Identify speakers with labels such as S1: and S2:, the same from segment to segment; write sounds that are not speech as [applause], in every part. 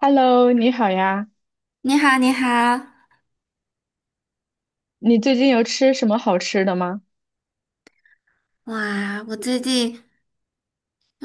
S1: Hello，你好呀，
S2: 你好，你好，
S1: 你最近有吃什么好吃的吗？
S2: 哇！我最近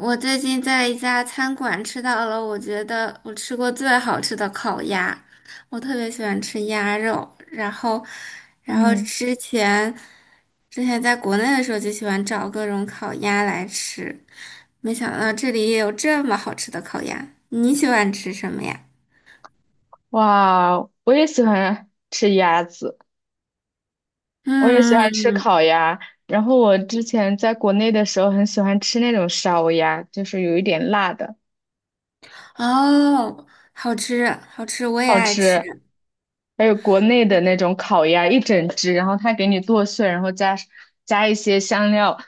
S2: 我最近在一家餐馆吃到了，我觉得我吃过最好吃的烤鸭。我特别喜欢吃鸭肉，然后
S1: 嗯，
S2: 之前在国内的时候就喜欢找各种烤鸭来吃，没想到这里也有这么好吃的烤鸭。你喜欢吃什么呀？
S1: 哇，我也喜欢吃鸭子，我也喜欢吃
S2: 嗯，
S1: 烤鸭。然后我之前在国内的时候很喜欢吃那种烧鸭，就是有一点辣的，
S2: 哦，好吃，好吃，我也
S1: 好
S2: 爱吃。
S1: 吃。还有国内的那种烤鸭，一整只，然后它给你剁碎，然后加一些香料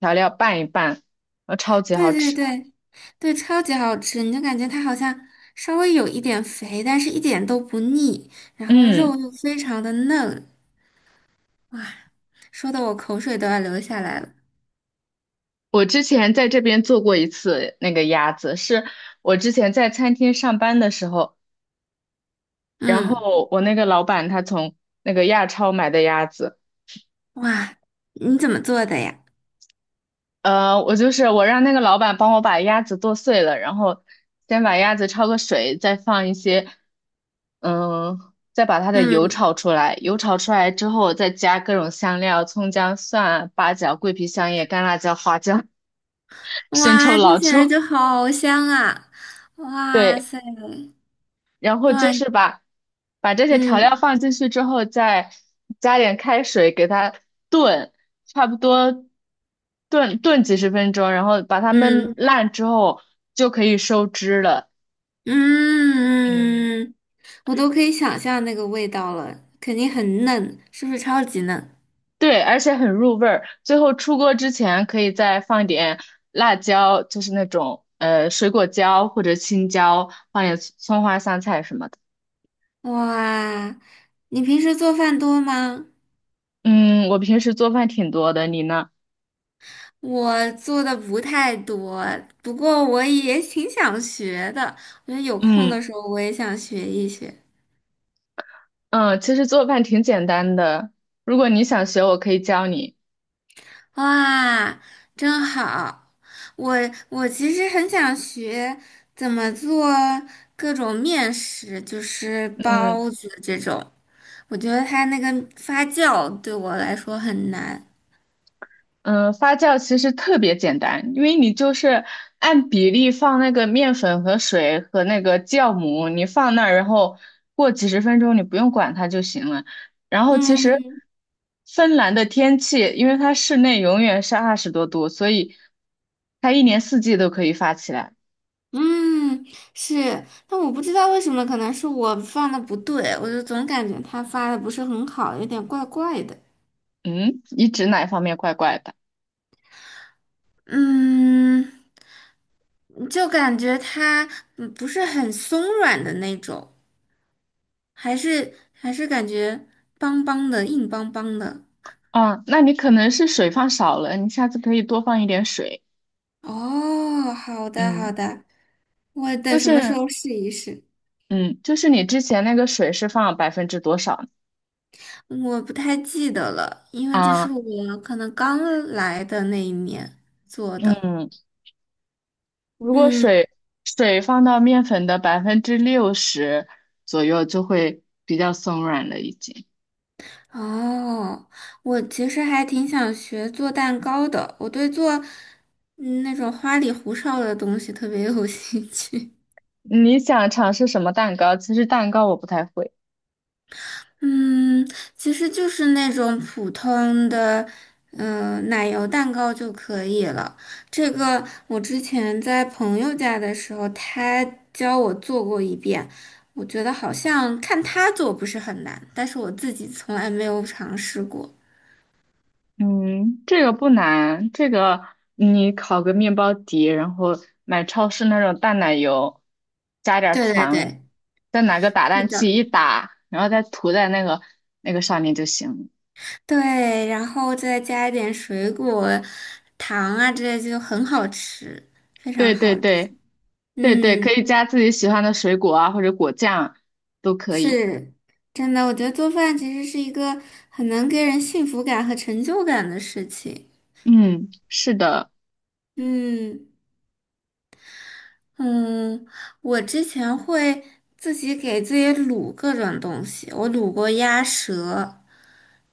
S1: 调料拌一拌，超级好
S2: 对对
S1: 吃。
S2: 对对，超级好吃，你就感觉它好像稍微有一点肥，但是一点都不腻，然后肉
S1: 嗯。
S2: 又非常的嫩，哇，说的我口水都要流下来了。
S1: 我之前在这边做过一次那个鸭子，是我之前在餐厅上班的时候，然
S2: 嗯，
S1: 后我那个老板他从那个亚超买的鸭子。
S2: 哇，你怎么做的呀？
S1: 我就是我让那个老板帮我把鸭子剁碎了，然后先把鸭子焯个水，再放一些，嗯，再把它的油
S2: 嗯，
S1: 炒出来，油炒出来之后再加各种香料，葱姜蒜啊、八角、桂皮、香叶、干辣椒、花椒、[laughs] 生抽、
S2: 哇，听
S1: 老
S2: 起来
S1: 抽。
S2: 就好香啊！哇
S1: 对，
S2: 塞，
S1: 然后
S2: 哇，
S1: 就是把这些调料
S2: 嗯
S1: 放进去之后，再加点开水给它炖，差不多炖炖几十分钟，然后把它焖
S2: 嗯
S1: 烂之后就可以收汁了。嗯，
S2: 嗯，我都可以想象那个味道了，肯定很嫩，是不是超级嫩？
S1: 对，而且很入味儿。最后出锅之前可以再放点辣椒，就是那种水果椒或者青椒，放点葱花、香菜什么的。
S2: 哇，你平时做饭多吗？
S1: 嗯，我平时做饭挺多的，你呢？
S2: 我做的不太多，不过我也挺想学的。我觉得有空
S1: 嗯。
S2: 的时候我也想学一学。
S1: 嗯，其实做饭挺简单的，如果你想学，我可以教你。
S2: 哇，真好！我我其实很想学怎么做各种面食，就是
S1: 嗯
S2: 包子这种。我觉得它那个发酵对我来说很难。
S1: 嗯，发酵其实特别简单，因为你就是按比例放那个面粉和水和那个酵母，你放那儿，然后过几十分钟，你不用管它就行了。然后其实
S2: 嗯。
S1: 芬兰的天气，因为它室内永远是20多度，所以它一年四季都可以发起来。
S2: 嗯，是，但我不知道为什么，可能是我放的不对，我就总感觉他发的不是很好，有点怪怪的。
S1: 嗯，你指哪方面怪怪的？
S2: 嗯，就感觉它不是很松软的那种，还是感觉邦邦的，硬邦邦的。
S1: 啊，那你可能是水放少了，你下次可以多放一点水。
S2: 哦，好的好
S1: 嗯，
S2: 的，我等
S1: 就
S2: 什么时
S1: 是
S2: 候试一试。
S1: 嗯，就是你之前那个水是放百分之多少
S2: 我不太记得了，因为这是
S1: 啊？
S2: 我可能刚来的那一年做的。
S1: 嗯，如果
S2: 嗯。
S1: 水放到面粉的60%左右，就会比较松软了已经。
S2: 哦，我其实还挺想学做蛋糕的，我对做那种花里胡哨的东西特别有 [laughs] 兴趣。
S1: 你想尝试什么蛋糕？其实蛋糕我不太会。
S2: 嗯，其实就是那种普通的，奶油蛋糕就可以了。这个我之前在朋友家的时候，他教我做过一遍，我觉得好像看他做不是很难，但是我自己从来没有尝试过。
S1: 嗯，这个不难，这个你烤个面包底，然后买超市那种淡奶油，加点儿
S2: 对对
S1: 糖，
S2: 对，
S1: 再拿个打
S2: 是
S1: 蛋器
S2: 的。
S1: 一打，然后再涂在那个上面就行了。
S2: 对，然后再加一点水果、糖啊之类，就很好吃，非常
S1: 对对
S2: 好
S1: 对
S2: 吃。
S1: 对对，可
S2: 嗯，
S1: 以加自己喜欢的水果啊，或者果酱都可以。
S2: 是真的，我觉得做饭其实是一个很能给人幸福感和成就感的事情。
S1: 嗯，是的，
S2: 嗯嗯，我之前会自己给自己卤各种东西，我卤过鸭舌，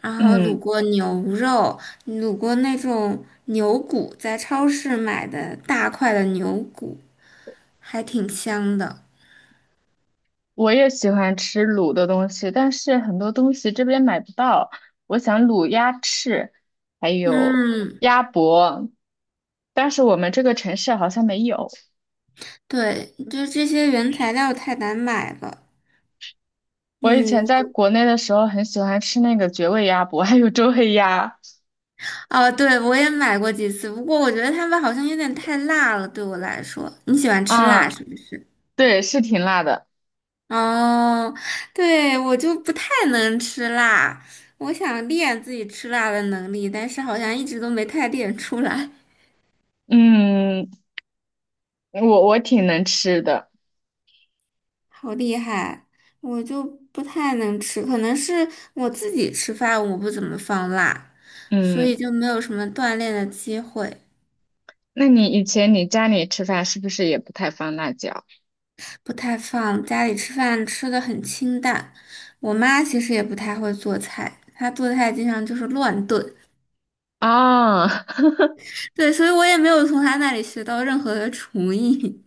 S2: 然后卤
S1: 嗯。
S2: 过牛肉，卤过那种牛骨，在超市买的大块的牛骨。还挺香的。
S1: 我也喜欢吃卤的东西，但是很多东西这边买不到。我想卤鸭翅，还有
S2: 嗯，
S1: 鸭脖，但是我们这个城市好像没有。
S2: 对，就这些原材料太难买了。
S1: 我以
S2: 嗯，
S1: 前在国内的时候很喜欢吃那个绝味鸭脖，[laughs] 还有周黑鸭。
S2: 哦，对，我也买过几次，不过我觉得他们好像有点太辣了，对我来说。你喜欢吃
S1: 啊，
S2: 辣是不是？
S1: 对，是挺辣的。
S2: 哦，对，我就不太能吃辣，我想练自己吃辣的能力，但是好像一直都没太练出来。
S1: 嗯，我挺能吃的。
S2: 好厉害，我就不太能吃，可能是我自己吃饭我不怎么放辣，所以
S1: 嗯，
S2: 就没有什么锻炼的机会，
S1: 那你以前你家里吃饭是不是也不太放辣椒
S2: 不太放。家里吃饭吃的很清淡，我妈其实也不太会做菜，她做菜经常就是乱炖，
S1: 啊？[laughs]
S2: 对，所以我也没有从她那里学到任何的厨艺。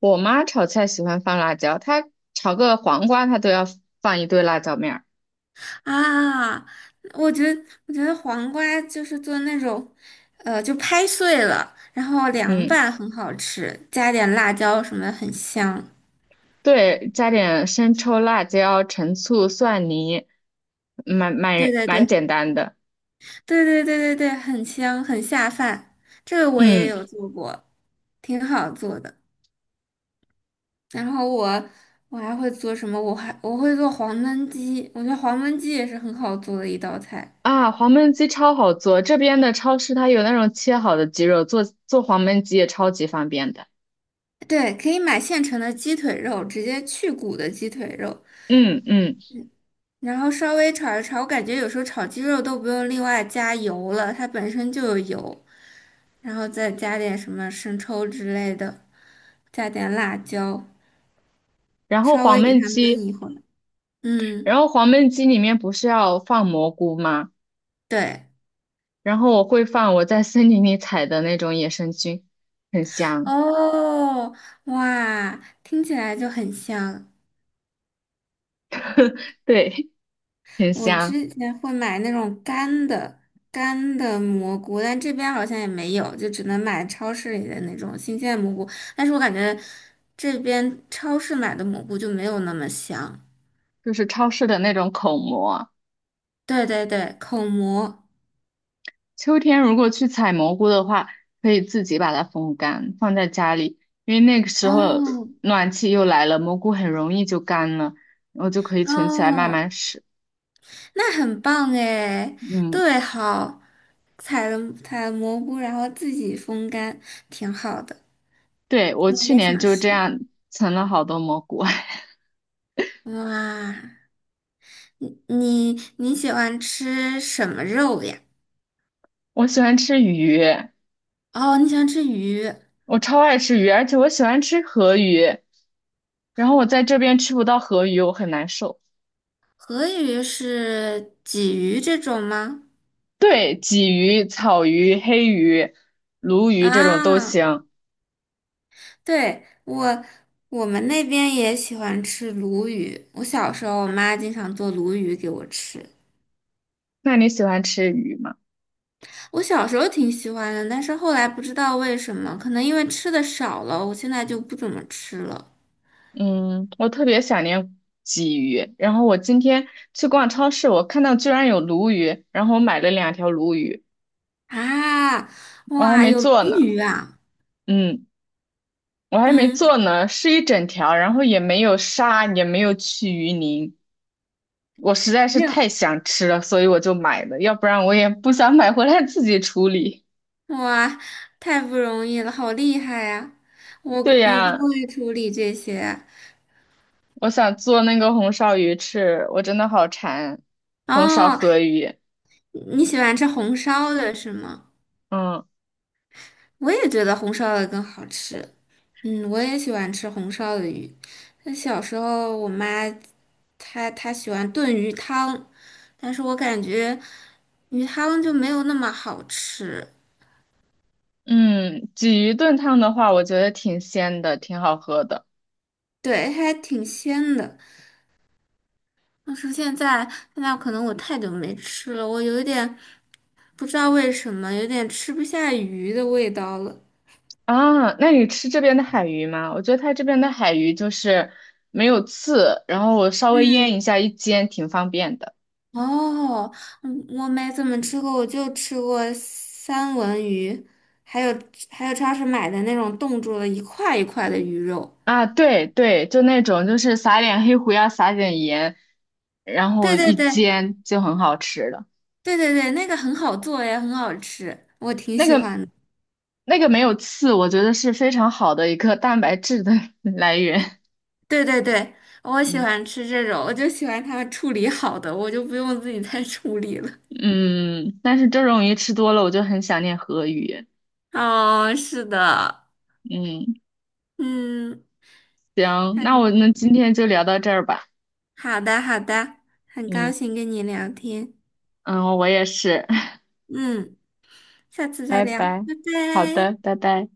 S1: 我妈炒菜喜欢放辣椒，她炒个黄瓜，她都要放一堆辣椒面儿。
S2: 啊，我觉得黄瓜就是做那种，就拍碎了，然后凉
S1: 嗯，
S2: 拌很好吃，加点辣椒什么的很香。
S1: 对，加点生抽、辣椒、陈醋、蒜泥，蛮
S2: 对
S1: 蛮
S2: 对
S1: 蛮
S2: 对
S1: 简单的。
S2: 对对对对对，很香很下饭，这个我也
S1: 嗯
S2: 有做过，挺好做的。然后我还会做什么？我会做黄焖鸡，我觉得黄焖鸡也是很好做的一道菜。
S1: 啊，黄焖鸡超好做，这边的超市它有那种切好的鸡肉，做做黄焖鸡也超级方便的。
S2: 对，可以买现成的鸡腿肉，直接去骨的鸡腿肉。
S1: 嗯嗯，
S2: 然后稍微炒一炒，我感觉有时候炒鸡肉都不用另外加油了，它本身就有油，然后再加点什么生抽之类的，加点辣椒，
S1: 然后
S2: 稍
S1: 黄
S2: 微给
S1: 焖
S2: 它焖
S1: 鸡，
S2: 一会儿。嗯，
S1: 然后黄焖鸡里面不是要放蘑菇吗？
S2: 对，
S1: 然后我会放我在森林里采的那种野生菌，很香。
S2: 哦，哇，听起来就很香。
S1: 对。挺
S2: 我
S1: 香，
S2: 之前会买那种干的蘑菇，但这边好像也没有，就只能买超市里的那种新鲜蘑菇。但是我感觉这边超市买的蘑菇就没有那么香。
S1: 就是超市的那种口蘑。
S2: 对对对，口蘑。
S1: 秋天如果去采蘑菇的话，可以自己把它风干，放在家里，因为那个时候
S2: 哦
S1: 暖气又来了，蘑菇很容易就干了，然后就可以存起来慢
S2: 哦，
S1: 慢吃。
S2: 那很棒哎！
S1: 嗯，
S2: 对，好，采了蘑菇，然后自己风干，挺好的。
S1: 对，我
S2: 我
S1: 去
S2: 也
S1: 年
S2: 想
S1: 就这
S2: 吃。
S1: 样存了好多蘑菇。[laughs]
S2: 哇，你喜欢吃什么肉呀？
S1: 我喜欢吃鱼，
S2: 哦，你喜欢吃鱼，
S1: 我超爱吃鱼，而且我喜欢吃河鱼，然后我在这边吃不到河鱼，我很难受。
S2: 河鱼是鲫鱼这种吗？
S1: 对，鲫鱼、草鱼、黑鱼、鲈鱼这种都
S2: 啊，
S1: 行。
S2: 对，我们那边也喜欢吃鲈鱼。我小时候，我妈经常做鲈鱼给我吃。
S1: 那你喜欢吃鱼吗？
S2: 我小时候挺喜欢的，但是后来不知道为什么，可能因为吃的少了，我现在就不怎么吃了。
S1: 嗯，我特别想念鲫鱼。然后我今天去逛超市，我看到居然有鲈鱼，然后我买了两条鲈鱼，
S2: 啊，
S1: 我还
S2: 哇，
S1: 没
S2: 有鲈
S1: 做呢。
S2: 鱼啊！
S1: 嗯，我还没
S2: 嗯，
S1: 做呢，是一整条，然后也没有杀，也没有去鱼鳞。我实在是
S2: 没有，
S1: 太想吃了，所以我就买了，要不然我也不想买回来自己处理。
S2: 哇，太不容易了，好厉害呀、我
S1: 对
S2: 我不
S1: 呀，
S2: 会处理这些。
S1: 我想做那个红烧鱼吃，我真的好馋红烧
S2: 哦，
S1: 河鱼。
S2: 你喜欢吃红烧的是吗？
S1: 嗯。
S2: 我也觉得红烧的更好吃。嗯，我也喜欢吃红烧的鱼。那小时候我妈她喜欢炖鱼汤，但是我感觉鱼汤就没有那么好吃，
S1: 嗯，鲫鱼炖汤的话，我觉得挺鲜的，挺好喝的
S2: 对，还挺鲜的。但是现在可能我太久没吃了，我有一点不知道为什么，有点吃不下鱼的味道了。
S1: 啊。那你吃这边的海鱼吗？我觉得它这边的海鱼就是没有刺，然后我稍微腌
S2: 嗯，
S1: 一下一煎，挺方便的
S2: 哦，嗯，我没怎么吃过，我就吃过三文鱼，还有还有超市买的那种冻住了一块一块的鱼肉。
S1: 啊。对对，就那种就是撒点黑胡椒，撒点盐，然
S2: 对
S1: 后
S2: 对
S1: 一
S2: 对
S1: 煎就很好吃了。
S2: 对对对，那个很好做也很好吃，我挺
S1: 那
S2: 喜
S1: 个
S2: 欢的
S1: 那个没有刺，我觉得是非常好的一个蛋白质的 [laughs] 来源。
S2: 对对对，我喜
S1: 嗯
S2: 欢吃这种，我就喜欢它们处理好的，我就不用自己再 [laughs] 处理了。
S1: 嗯，但是这种鱼吃多了，我就很想念河鱼。
S2: 哦，是的，
S1: 嗯。
S2: 嗯，
S1: 行，那我
S2: 嗯
S1: 们今天就聊到这儿吧。
S2: 好的好的，很高
S1: 嗯
S2: 兴跟你聊天，
S1: 嗯，我也是，[laughs]
S2: 嗯，下次再
S1: 拜
S2: 聊，
S1: 拜。
S2: 拜
S1: 好
S2: 拜。
S1: 的，拜拜。